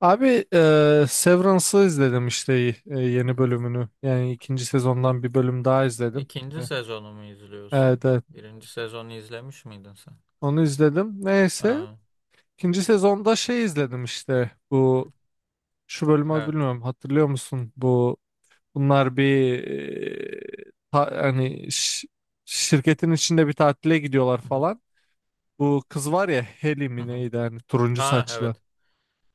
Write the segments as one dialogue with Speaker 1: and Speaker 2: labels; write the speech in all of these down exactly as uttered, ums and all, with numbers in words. Speaker 1: Abi, e, Severance'ı izledim işte, e,
Speaker 2: Hı
Speaker 1: yeni
Speaker 2: hı.
Speaker 1: bölümünü. Yani ikinci sezondan bir bölüm daha izledim.
Speaker 2: İkinci
Speaker 1: E,
Speaker 2: sezonu mu izliyorsun?
Speaker 1: Evet evet,
Speaker 2: Birinci sezonu izlemiş miydin sen?
Speaker 1: onu izledim. Neyse,
Speaker 2: Aa, hı
Speaker 1: ikinci sezonda şey izledim işte,
Speaker 2: hı.
Speaker 1: bu şu bölümü
Speaker 2: Evet.
Speaker 1: bilmiyorum, hatırlıyor musun? Bu bunlar bir e, ta- hani, ş- şirketin içinde bir tatile gidiyorlar
Speaker 2: Hı hı.
Speaker 1: falan. Bu kız var ya, Heli
Speaker 2: Hı
Speaker 1: mi
Speaker 2: hı.
Speaker 1: neydi, hani turuncu
Speaker 2: Ha
Speaker 1: saçlı.
Speaker 2: evet.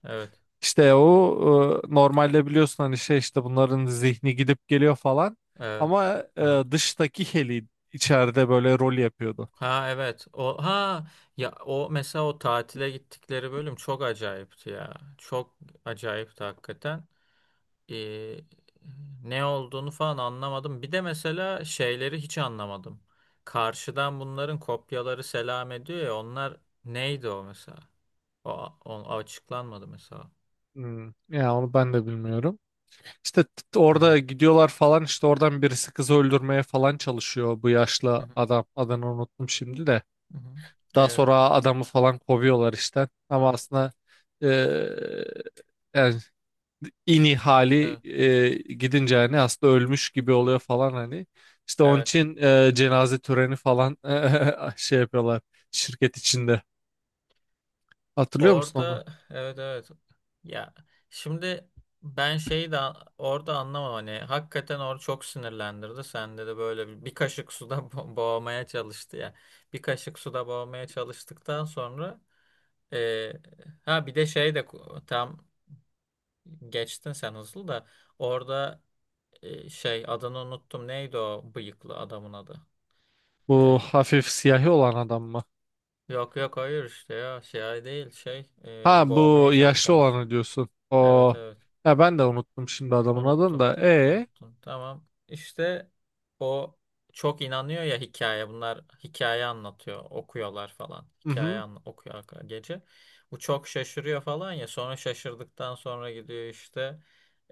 Speaker 2: Evet.
Speaker 1: İşte o, e, normalde biliyorsun hani, şey işte, bunların zihni gidip geliyor falan.
Speaker 2: Evet.
Speaker 1: Ama e,
Speaker 2: Aha.
Speaker 1: dıştaki Heli içeride böyle rol yapıyordu.
Speaker 2: Ha evet. O ha Ya o mesela o tatile gittikleri bölüm çok acayipti ya. Çok acayipti hakikaten. Ee, Ne olduğunu falan anlamadım. Bir de mesela şeyleri hiç anlamadım. Karşıdan bunların kopyaları selam ediyor ya onlar neydi o mesela? O, o açıklanmadı mesela.
Speaker 1: Hmm. Ya onu ben de bilmiyorum. İşte t-
Speaker 2: Hı hı.
Speaker 1: orada gidiyorlar falan işte, oradan birisi kızı öldürmeye falan çalışıyor, bu
Speaker 2: Hı
Speaker 1: yaşlı
Speaker 2: hı.
Speaker 1: adam. Adını unuttum şimdi de.
Speaker 2: Hı hı.
Speaker 1: Daha
Speaker 2: Evet.
Speaker 1: sonra adamı falan kovuyorlar işte. Ama
Speaker 2: Evet.
Speaker 1: aslında e, yani, ini hali,
Speaker 2: Evet.
Speaker 1: e, gidince hani aslında ölmüş gibi oluyor falan hani. İşte onun
Speaker 2: Evet.
Speaker 1: için e, cenaze töreni falan e, şey yapıyorlar şirket içinde. Hatırlıyor musun onu?
Speaker 2: Orada evet evet. Ya şimdi ben şeyi de a- orada anlamam hani hakikaten orada çok sinirlendirdi. Sende de böyle bir, bir kaşık suda bo- boğmaya çalıştı ya. Bir kaşık suda boğmaya çalıştıktan sonra e, ha bir de şey de ku- tam geçtin sen hızlı da orada e, şey adını unuttum. Neydi o bıyıklı adamın adı?
Speaker 1: Bu
Speaker 2: E,
Speaker 1: hafif siyahi olan adam mı?
Speaker 2: Yok yok hayır işte ya şey değil şey e,
Speaker 1: Ha,
Speaker 2: boğmaya
Speaker 1: bu yaşlı
Speaker 2: çalışan işte.
Speaker 1: olanı diyorsun.
Speaker 2: Evet
Speaker 1: O,
Speaker 2: evet
Speaker 1: ya ben de unuttum şimdi adamın adını
Speaker 2: unuttum
Speaker 1: da. E
Speaker 2: unuttum tamam işte o çok inanıyor ya hikaye bunlar hikaye anlatıyor okuyorlar falan
Speaker 1: hı
Speaker 2: hikaye
Speaker 1: hı.
Speaker 2: an okuyor arka- gece bu çok şaşırıyor falan ya sonra şaşırdıktan sonra gidiyor işte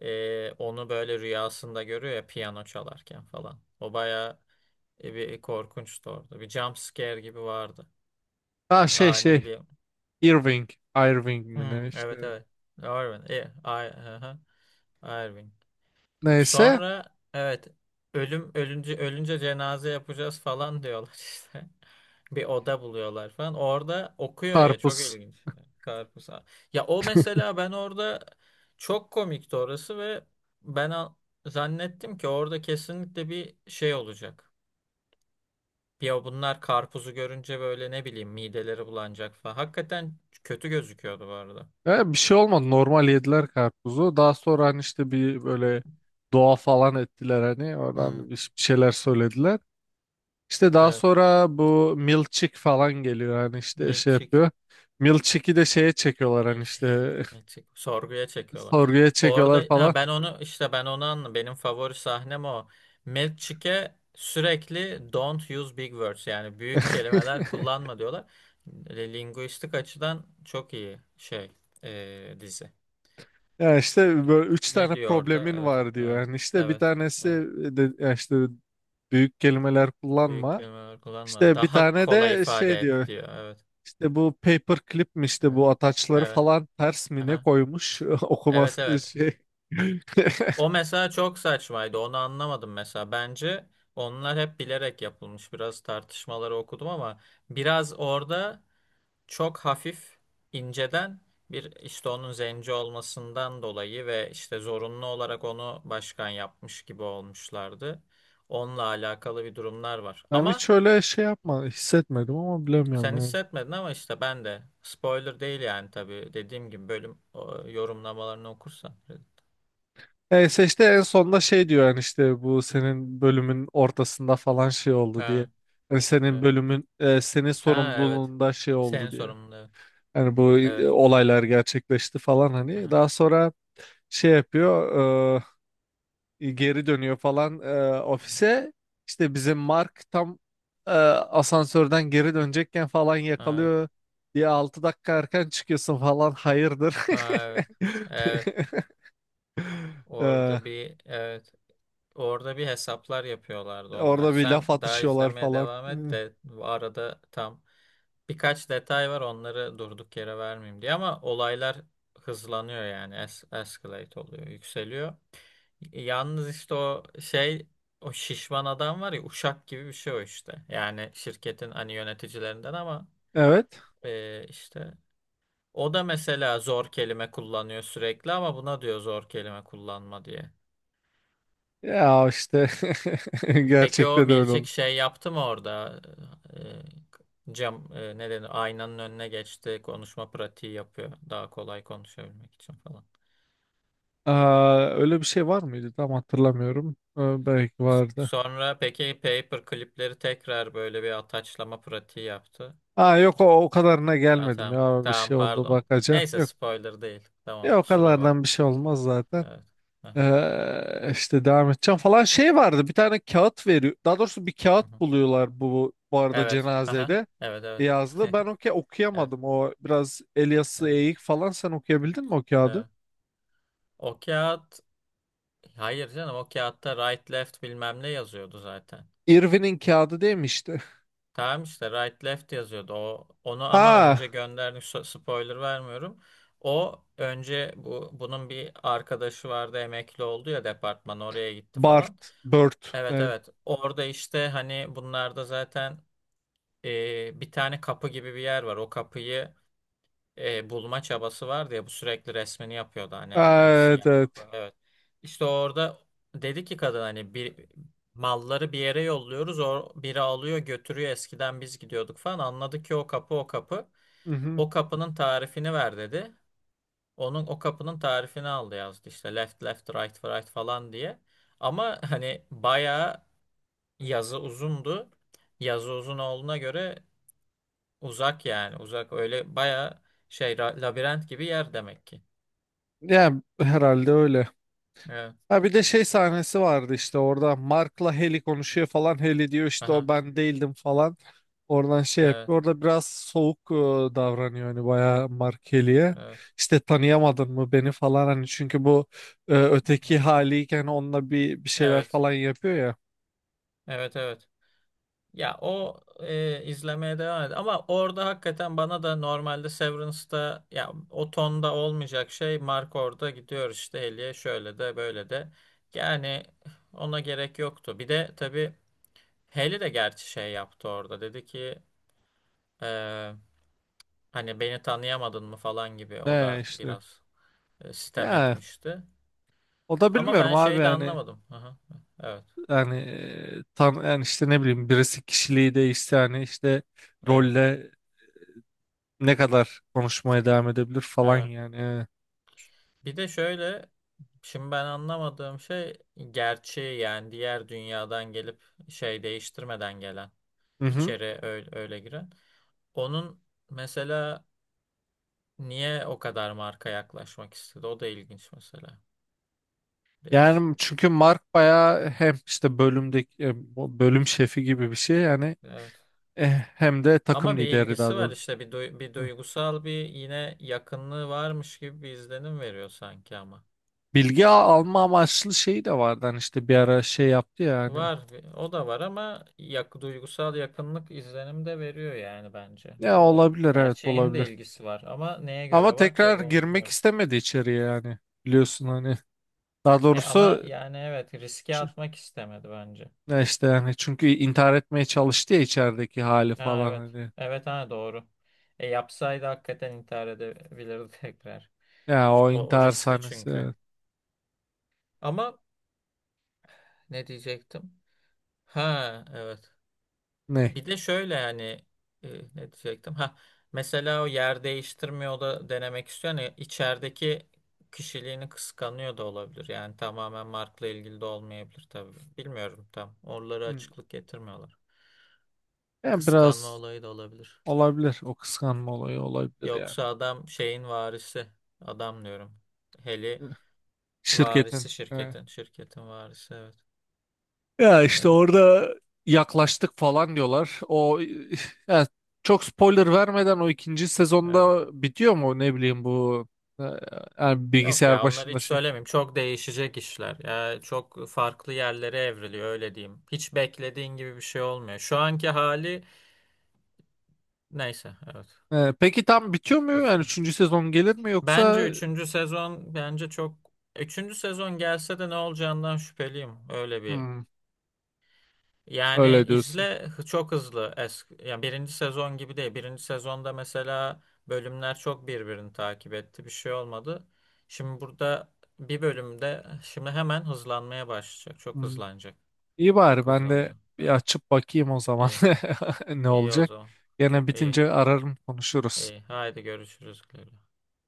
Speaker 2: e, onu böyle rüyasında görüyor ya piyano çalarken falan o bayağı e, bir korkunçtu orada bir jump scare gibi vardı
Speaker 1: Ha, şey şey
Speaker 2: ani bir.
Speaker 1: Irving, Irving mi ne
Speaker 2: Hmm, evet
Speaker 1: işte.
Speaker 2: evet. Irwin. E, I, hı hı. Irving.
Speaker 1: Neyse,
Speaker 2: Sonra evet ölüm ölünce ölünce cenaze yapacağız falan diyorlar işte. Bir oda buluyorlar falan. Orada okuyor ya çok
Speaker 1: karpuz.
Speaker 2: ilginç. Karpuz. Ya o mesela ben orada çok komikti orası ve ben a- zannettim ki orada kesinlikle bir şey olacak. Ya bunlar karpuzu görünce böyle ne bileyim mideleri bulanacak falan. Hakikaten kötü gözüküyordu bu arada.
Speaker 1: Ya bir şey olmadı. Normal yediler karpuzu. Daha sonra hani işte bir böyle dua falan ettiler hani. Oradan bir
Speaker 2: Hmm,
Speaker 1: bir şeyler söylediler. İşte daha
Speaker 2: evet.
Speaker 1: sonra bu milkshake falan geliyor hani işte, şey
Speaker 2: Milçik,
Speaker 1: yapıyor. Milkshake'i de şeye çekiyorlar hani
Speaker 2: milçik,
Speaker 1: işte,
Speaker 2: milçik. Sorguya çekiyorlar.
Speaker 1: sorguya çekiyorlar
Speaker 2: Orada ha
Speaker 1: falan.
Speaker 2: ben onu işte ben onu anladım. Benim favori sahnem o. Milçik'e sürekli don't use big words, yani büyük kelimeler kullanma diyorlar. E, Linguistik açıdan çok iyi şey, e, dizi.
Speaker 1: Ya işte böyle üç
Speaker 2: Ne
Speaker 1: tane
Speaker 2: diyor orada?
Speaker 1: problemin
Speaker 2: Evet,
Speaker 1: var diyor.
Speaker 2: evet,
Speaker 1: Yani işte bir
Speaker 2: evet,
Speaker 1: tanesi,
Speaker 2: evet.
Speaker 1: e, de ya işte, büyük kelimeler
Speaker 2: Büyük
Speaker 1: kullanma.
Speaker 2: kelimeler kullanma.
Speaker 1: İşte bir
Speaker 2: Daha
Speaker 1: tane
Speaker 2: kolay
Speaker 1: de şey
Speaker 2: ifade et
Speaker 1: diyor.
Speaker 2: diyor. Evet,
Speaker 1: İşte bu paperclip mi, işte
Speaker 2: evet,
Speaker 1: bu ataçları
Speaker 2: evet.
Speaker 1: falan ters mi ne
Speaker 2: Aha.
Speaker 1: koymuş,
Speaker 2: Evet,
Speaker 1: okuması
Speaker 2: evet.
Speaker 1: şey.
Speaker 2: O mesela çok saçmaydı. Onu anlamadım mesela. Bence onlar hep bilerek yapılmış. Biraz tartışmaları okudum ama biraz orada çok hafif inceden bir işte onun zenci olmasından dolayı ve işte zorunlu olarak onu başkan yapmış gibi olmuşlardı. Onunla alakalı bir durumlar var.
Speaker 1: Ben
Speaker 2: Ama
Speaker 1: hiç öyle şey yapma hissetmedim ama bilemiyorum
Speaker 2: sen
Speaker 1: yani.
Speaker 2: hissetmedin ama işte ben de spoiler değil yani tabii dediğim gibi bölüm o, yorumlamalarını okursan.
Speaker 1: Neyse, işte en sonunda şey diyor, yani işte bu senin bölümün ortasında falan şey oldu diye.
Speaker 2: Ha,
Speaker 1: Yani senin
Speaker 2: evet.
Speaker 1: bölümün, e, senin
Speaker 2: Ha evet.
Speaker 1: sorumluluğunda şey
Speaker 2: Senin
Speaker 1: oldu diye.
Speaker 2: sorunun
Speaker 1: Yani bu e,
Speaker 2: evet.
Speaker 1: olaylar gerçekleşti falan
Speaker 2: Evet.
Speaker 1: hani.
Speaker 2: Aha,
Speaker 1: Daha sonra şey yapıyor, e, e, geri dönüyor falan, e,
Speaker 2: aha.
Speaker 1: ofise. İşte bizim Mark tam e, asansörden geri dönecekken falan
Speaker 2: Evet.
Speaker 1: yakalıyor diye, altı dakika erken çıkıyorsun falan, hayırdır.
Speaker 2: Ha, evet. Evet.
Speaker 1: E,
Speaker 2: Orada bir evet. Orada bir hesaplar yapıyorlardı onlar.
Speaker 1: Orada bir laf
Speaker 2: Sen daha
Speaker 1: atışıyorlar
Speaker 2: izlemeye
Speaker 1: falan.
Speaker 2: devam
Speaker 1: E,
Speaker 2: et de bu arada tam birkaç detay var onları durduk yere vermeyeyim diye ama olaylar hızlanıyor, yani es escalate oluyor, yükseliyor. Yalnız işte o şey o şişman adam var ya uşak gibi bir şey o işte. Yani şirketin hani yöneticilerinden ama
Speaker 1: Evet.
Speaker 2: e, işte o da mesela zor kelime kullanıyor sürekli ama buna diyor zor kelime kullanma diye.
Speaker 1: Ya işte
Speaker 2: Peki o
Speaker 1: gerçekte de öyle
Speaker 2: Milçik
Speaker 1: oldu.
Speaker 2: şey yaptı mı orada? Ee, e, cam, e, ne denir? Aynanın önüne geçti. Konuşma pratiği yapıyor. Daha kolay konuşabilmek için falan.
Speaker 1: Aa, öyle bir şey var mıydı? Tam hatırlamıyorum. Ee, belki vardı.
Speaker 2: Sonra peki paper klipleri tekrar böyle bir ataçlama pratiği yaptı.
Speaker 1: Ha, yok, o, o kadarına
Speaker 2: Ha,
Speaker 1: gelmedim,
Speaker 2: tamam.
Speaker 1: ya bir
Speaker 2: Tamam
Speaker 1: şey oldu,
Speaker 2: pardon.
Speaker 1: bakacağım.
Speaker 2: Neyse
Speaker 1: Yok.
Speaker 2: spoiler değil. Tamam
Speaker 1: Ya o
Speaker 2: kusura
Speaker 1: kadardan bir
Speaker 2: bakma.
Speaker 1: şey olmaz zaten.
Speaker 2: Evet. Aha,
Speaker 1: Ee, işte devam edeceğim falan, şey vardı, bir tane kağıt veriyor, daha doğrusu bir kağıt
Speaker 2: aha.
Speaker 1: buluyorlar, bu bu arada
Speaker 2: Evet. Aha.
Speaker 1: cenazede
Speaker 2: Evet evet.
Speaker 1: yazdı,
Speaker 2: Evet.
Speaker 1: ben o ka- okuyamadım, o biraz el
Speaker 2: Evet.
Speaker 1: eğik falan, sen okuyabildin mi o kağıdı?
Speaker 2: Evet. O kağıt, hayır canım, o kağıtta right left bilmem ne yazıyordu zaten.
Speaker 1: Irving'in kağıdı değil mi işte.
Speaker 2: Tamam işte right left yazıyordu. O onu ama
Speaker 1: Ha
Speaker 2: önce gönderdik. So- Spoiler vermiyorum. O önce bu bunun bir arkadaşı vardı emekli oldu ya, departman oraya gitti falan.
Speaker 1: Bart, Bert
Speaker 2: Evet
Speaker 1: evet.
Speaker 2: evet. Orada işte hani bunlarda zaten e, bir tane kapı gibi bir yer var. O kapıyı e, bulma çabası vardı ya, bu sürekli resmini yapıyordu hani
Speaker 1: Aa,
Speaker 2: evde,
Speaker 1: evet,
Speaker 2: siyah
Speaker 1: evet.
Speaker 2: kapağı, evet. İşte orada dedi ki kadın hani bir malları bir yere yolluyoruz o biri alıyor götürüyor eskiden biz gidiyorduk falan, anladık ki o kapı o kapı
Speaker 1: Hı hı.
Speaker 2: o kapının tarifini ver dedi. Onun o kapının tarifini aldı, yazdı işte left left right right falan diye. Ama hani bayağı yazı uzundu. Yazı uzun olduğuna göre uzak, yani uzak öyle baya şey ra- labirent gibi yer demek ki.
Speaker 1: Yani herhalde öyle.
Speaker 2: Evet.
Speaker 1: Ha bir de şey sahnesi vardı, işte orada Mark'la Heli konuşuyor falan. Heli diyor işte, o
Speaker 2: Aha.
Speaker 1: ben değildim falan. Oradan şey
Speaker 2: Evet.
Speaker 1: yapıyor. Orada biraz soğuk e, davranıyor hani bayağı, Mark Heli'ye.
Speaker 2: Evet.
Speaker 1: İşte tanıyamadın mı beni falan hani, çünkü bu e, öteki
Speaker 2: Evet.
Speaker 1: haliyken onunla bir bir şeyler
Speaker 2: Evet.
Speaker 1: falan yapıyor ya.
Speaker 2: Evet. Evet. Ya o e, izlemeye devam ed. Ama orada hakikaten bana da normalde Severance'da ya o tonda olmayacak şey, Mark orada gidiyor işte Haley'e şöyle de böyle de. Yani ona gerek yoktu. Bir de tabii Haley de gerçi şey yaptı orada. Dedi ki e, hani beni tanıyamadın mı falan gibi. O
Speaker 1: Ne
Speaker 2: da
Speaker 1: işte.
Speaker 2: biraz e, sitem
Speaker 1: Ya
Speaker 2: etmişti.
Speaker 1: o da
Speaker 2: Ama
Speaker 1: bilmiyorum
Speaker 2: ben
Speaker 1: abi
Speaker 2: şeyi de
Speaker 1: yani
Speaker 2: anlamadım. Aha, evet,
Speaker 1: yani e, tan yani işte ne bileyim, birisi kişiliği değişti yani işte,
Speaker 2: evet,
Speaker 1: rolle ne kadar konuşmaya devam edebilir falan
Speaker 2: evet.
Speaker 1: yani.
Speaker 2: Bir de şöyle, şimdi ben anlamadığım şey gerçeği, yani diğer dünyadan gelip şey değiştirmeden gelen,
Speaker 1: Hı hı.
Speaker 2: içeri öyle, öyle giren. Onun mesela niye o kadar marka yaklaşmak istedi? O da ilginç mesela. Değişik.
Speaker 1: Yani çünkü Mark bayağı hem işte bölümdeki, e, bu bölüm şefi gibi bir şey yani,
Speaker 2: Evet.
Speaker 1: eh, hem de takım
Speaker 2: Ama bir
Speaker 1: lideri, daha
Speaker 2: ilgisi var
Speaker 1: doğrusu.
Speaker 2: işte, bir, duy- bir
Speaker 1: Hı.
Speaker 2: duygusal bir yine yakınlığı varmış gibi bir izlenim veriyor sanki ama.
Speaker 1: Bilgi a- alma amaçlı şeyi de vardı hani işte, bir ara şey yaptı ya hani.
Speaker 2: Var. O da var ama yak, duygusal yakınlık izlenim de veriyor yani bence.
Speaker 1: Ya
Speaker 2: O
Speaker 1: olabilir, evet
Speaker 2: gerçeğin de
Speaker 1: olabilir.
Speaker 2: ilgisi var ama neye
Speaker 1: Ama
Speaker 2: göre var
Speaker 1: tekrar
Speaker 2: tabii onu
Speaker 1: girmek
Speaker 2: bilmiyorum.
Speaker 1: istemedi içeriye yani, biliyorsun hani. Daha
Speaker 2: E ama
Speaker 1: doğrusu,
Speaker 2: yani evet, riske
Speaker 1: ç-
Speaker 2: atmak istemedi bence.
Speaker 1: ya işte yani, çünkü intihar etmeye çalıştı ya içerideki hali
Speaker 2: Ha
Speaker 1: falan
Speaker 2: evet.
Speaker 1: hani.
Speaker 2: Evet, ha doğru. E yapsaydı hakikaten intihar edebilirdi tekrar.
Speaker 1: Ya o
Speaker 2: O, o
Speaker 1: intihar
Speaker 2: riskli
Speaker 1: sahnesi,
Speaker 2: çünkü.
Speaker 1: evet.
Speaker 2: Ama ne diyecektim? Ha evet.
Speaker 1: Ne?
Speaker 2: Bir de şöyle, yani e, ne diyecektim? Ha, mesela o yer değiştirmiyor da denemek istiyor. Yani içerideki kişiliğini kıskanıyor da olabilir. Yani tamamen markla ilgili de olmayabilir tabii. Bilmiyorum tam. Oraları
Speaker 1: Hı.
Speaker 2: açıklık getirmiyorlar.
Speaker 1: Ya
Speaker 2: Kıskanma
Speaker 1: biraz.
Speaker 2: olayı da olabilir.
Speaker 1: Olabilir. O kıskanma olayı olabilir yani.
Speaker 2: Yoksa adam şeyin varisi. Adam diyorum. Heli
Speaker 1: Evet. Şirketin.
Speaker 2: varisi
Speaker 1: Evet.
Speaker 2: şirketin. Şirketin varisi, evet.
Speaker 1: Ya işte
Speaker 2: Evet.
Speaker 1: orada yaklaştık falan diyorlar. O ya çok spoiler vermeden, o ikinci
Speaker 2: Evet.
Speaker 1: sezonda bitiyor mu ne bileyim bu, e, yani
Speaker 2: Yok
Speaker 1: bilgisayar
Speaker 2: ya, onları
Speaker 1: başında
Speaker 2: hiç
Speaker 1: şey.
Speaker 2: söylemeyeyim. Çok değişecek işler. Ya çok farklı yerlere evriliyor, öyle diyeyim. Hiç beklediğin gibi bir şey olmuyor. Şu anki hali neyse, evet.
Speaker 1: E, peki tam bitiyor mu? Yani
Speaker 2: Hızlı.
Speaker 1: üçüncü sezon gelir mi
Speaker 2: Bence
Speaker 1: yoksa?
Speaker 2: üçüncü sezon, bence çok üçüncü sezon gelse de ne olacağından şüpheliyim. Öyle bir.
Speaker 1: Hmm,
Speaker 2: Yani
Speaker 1: öyle diyorsun.
Speaker 2: izle, hı- çok hızlı. Eski, yani birinci sezon gibi değil. Birinci sezonda mesela bölümler çok birbirini takip etti. Bir şey olmadı. Şimdi burada bir bölümde şimdi hemen hızlanmaya başlayacak. Çok
Speaker 1: Hmm.
Speaker 2: hızlanacak.
Speaker 1: İyi, bari
Speaker 2: Çok
Speaker 1: ben de
Speaker 2: hızlanıyor.
Speaker 1: bir
Speaker 2: Evet.
Speaker 1: açıp bakayım o zaman
Speaker 2: İyi.
Speaker 1: ne
Speaker 2: İyi o
Speaker 1: olacak.
Speaker 2: zaman.
Speaker 1: Gene
Speaker 2: İyi.
Speaker 1: bitince ararım, konuşuruz.
Speaker 2: İyi. Haydi görüşürüz.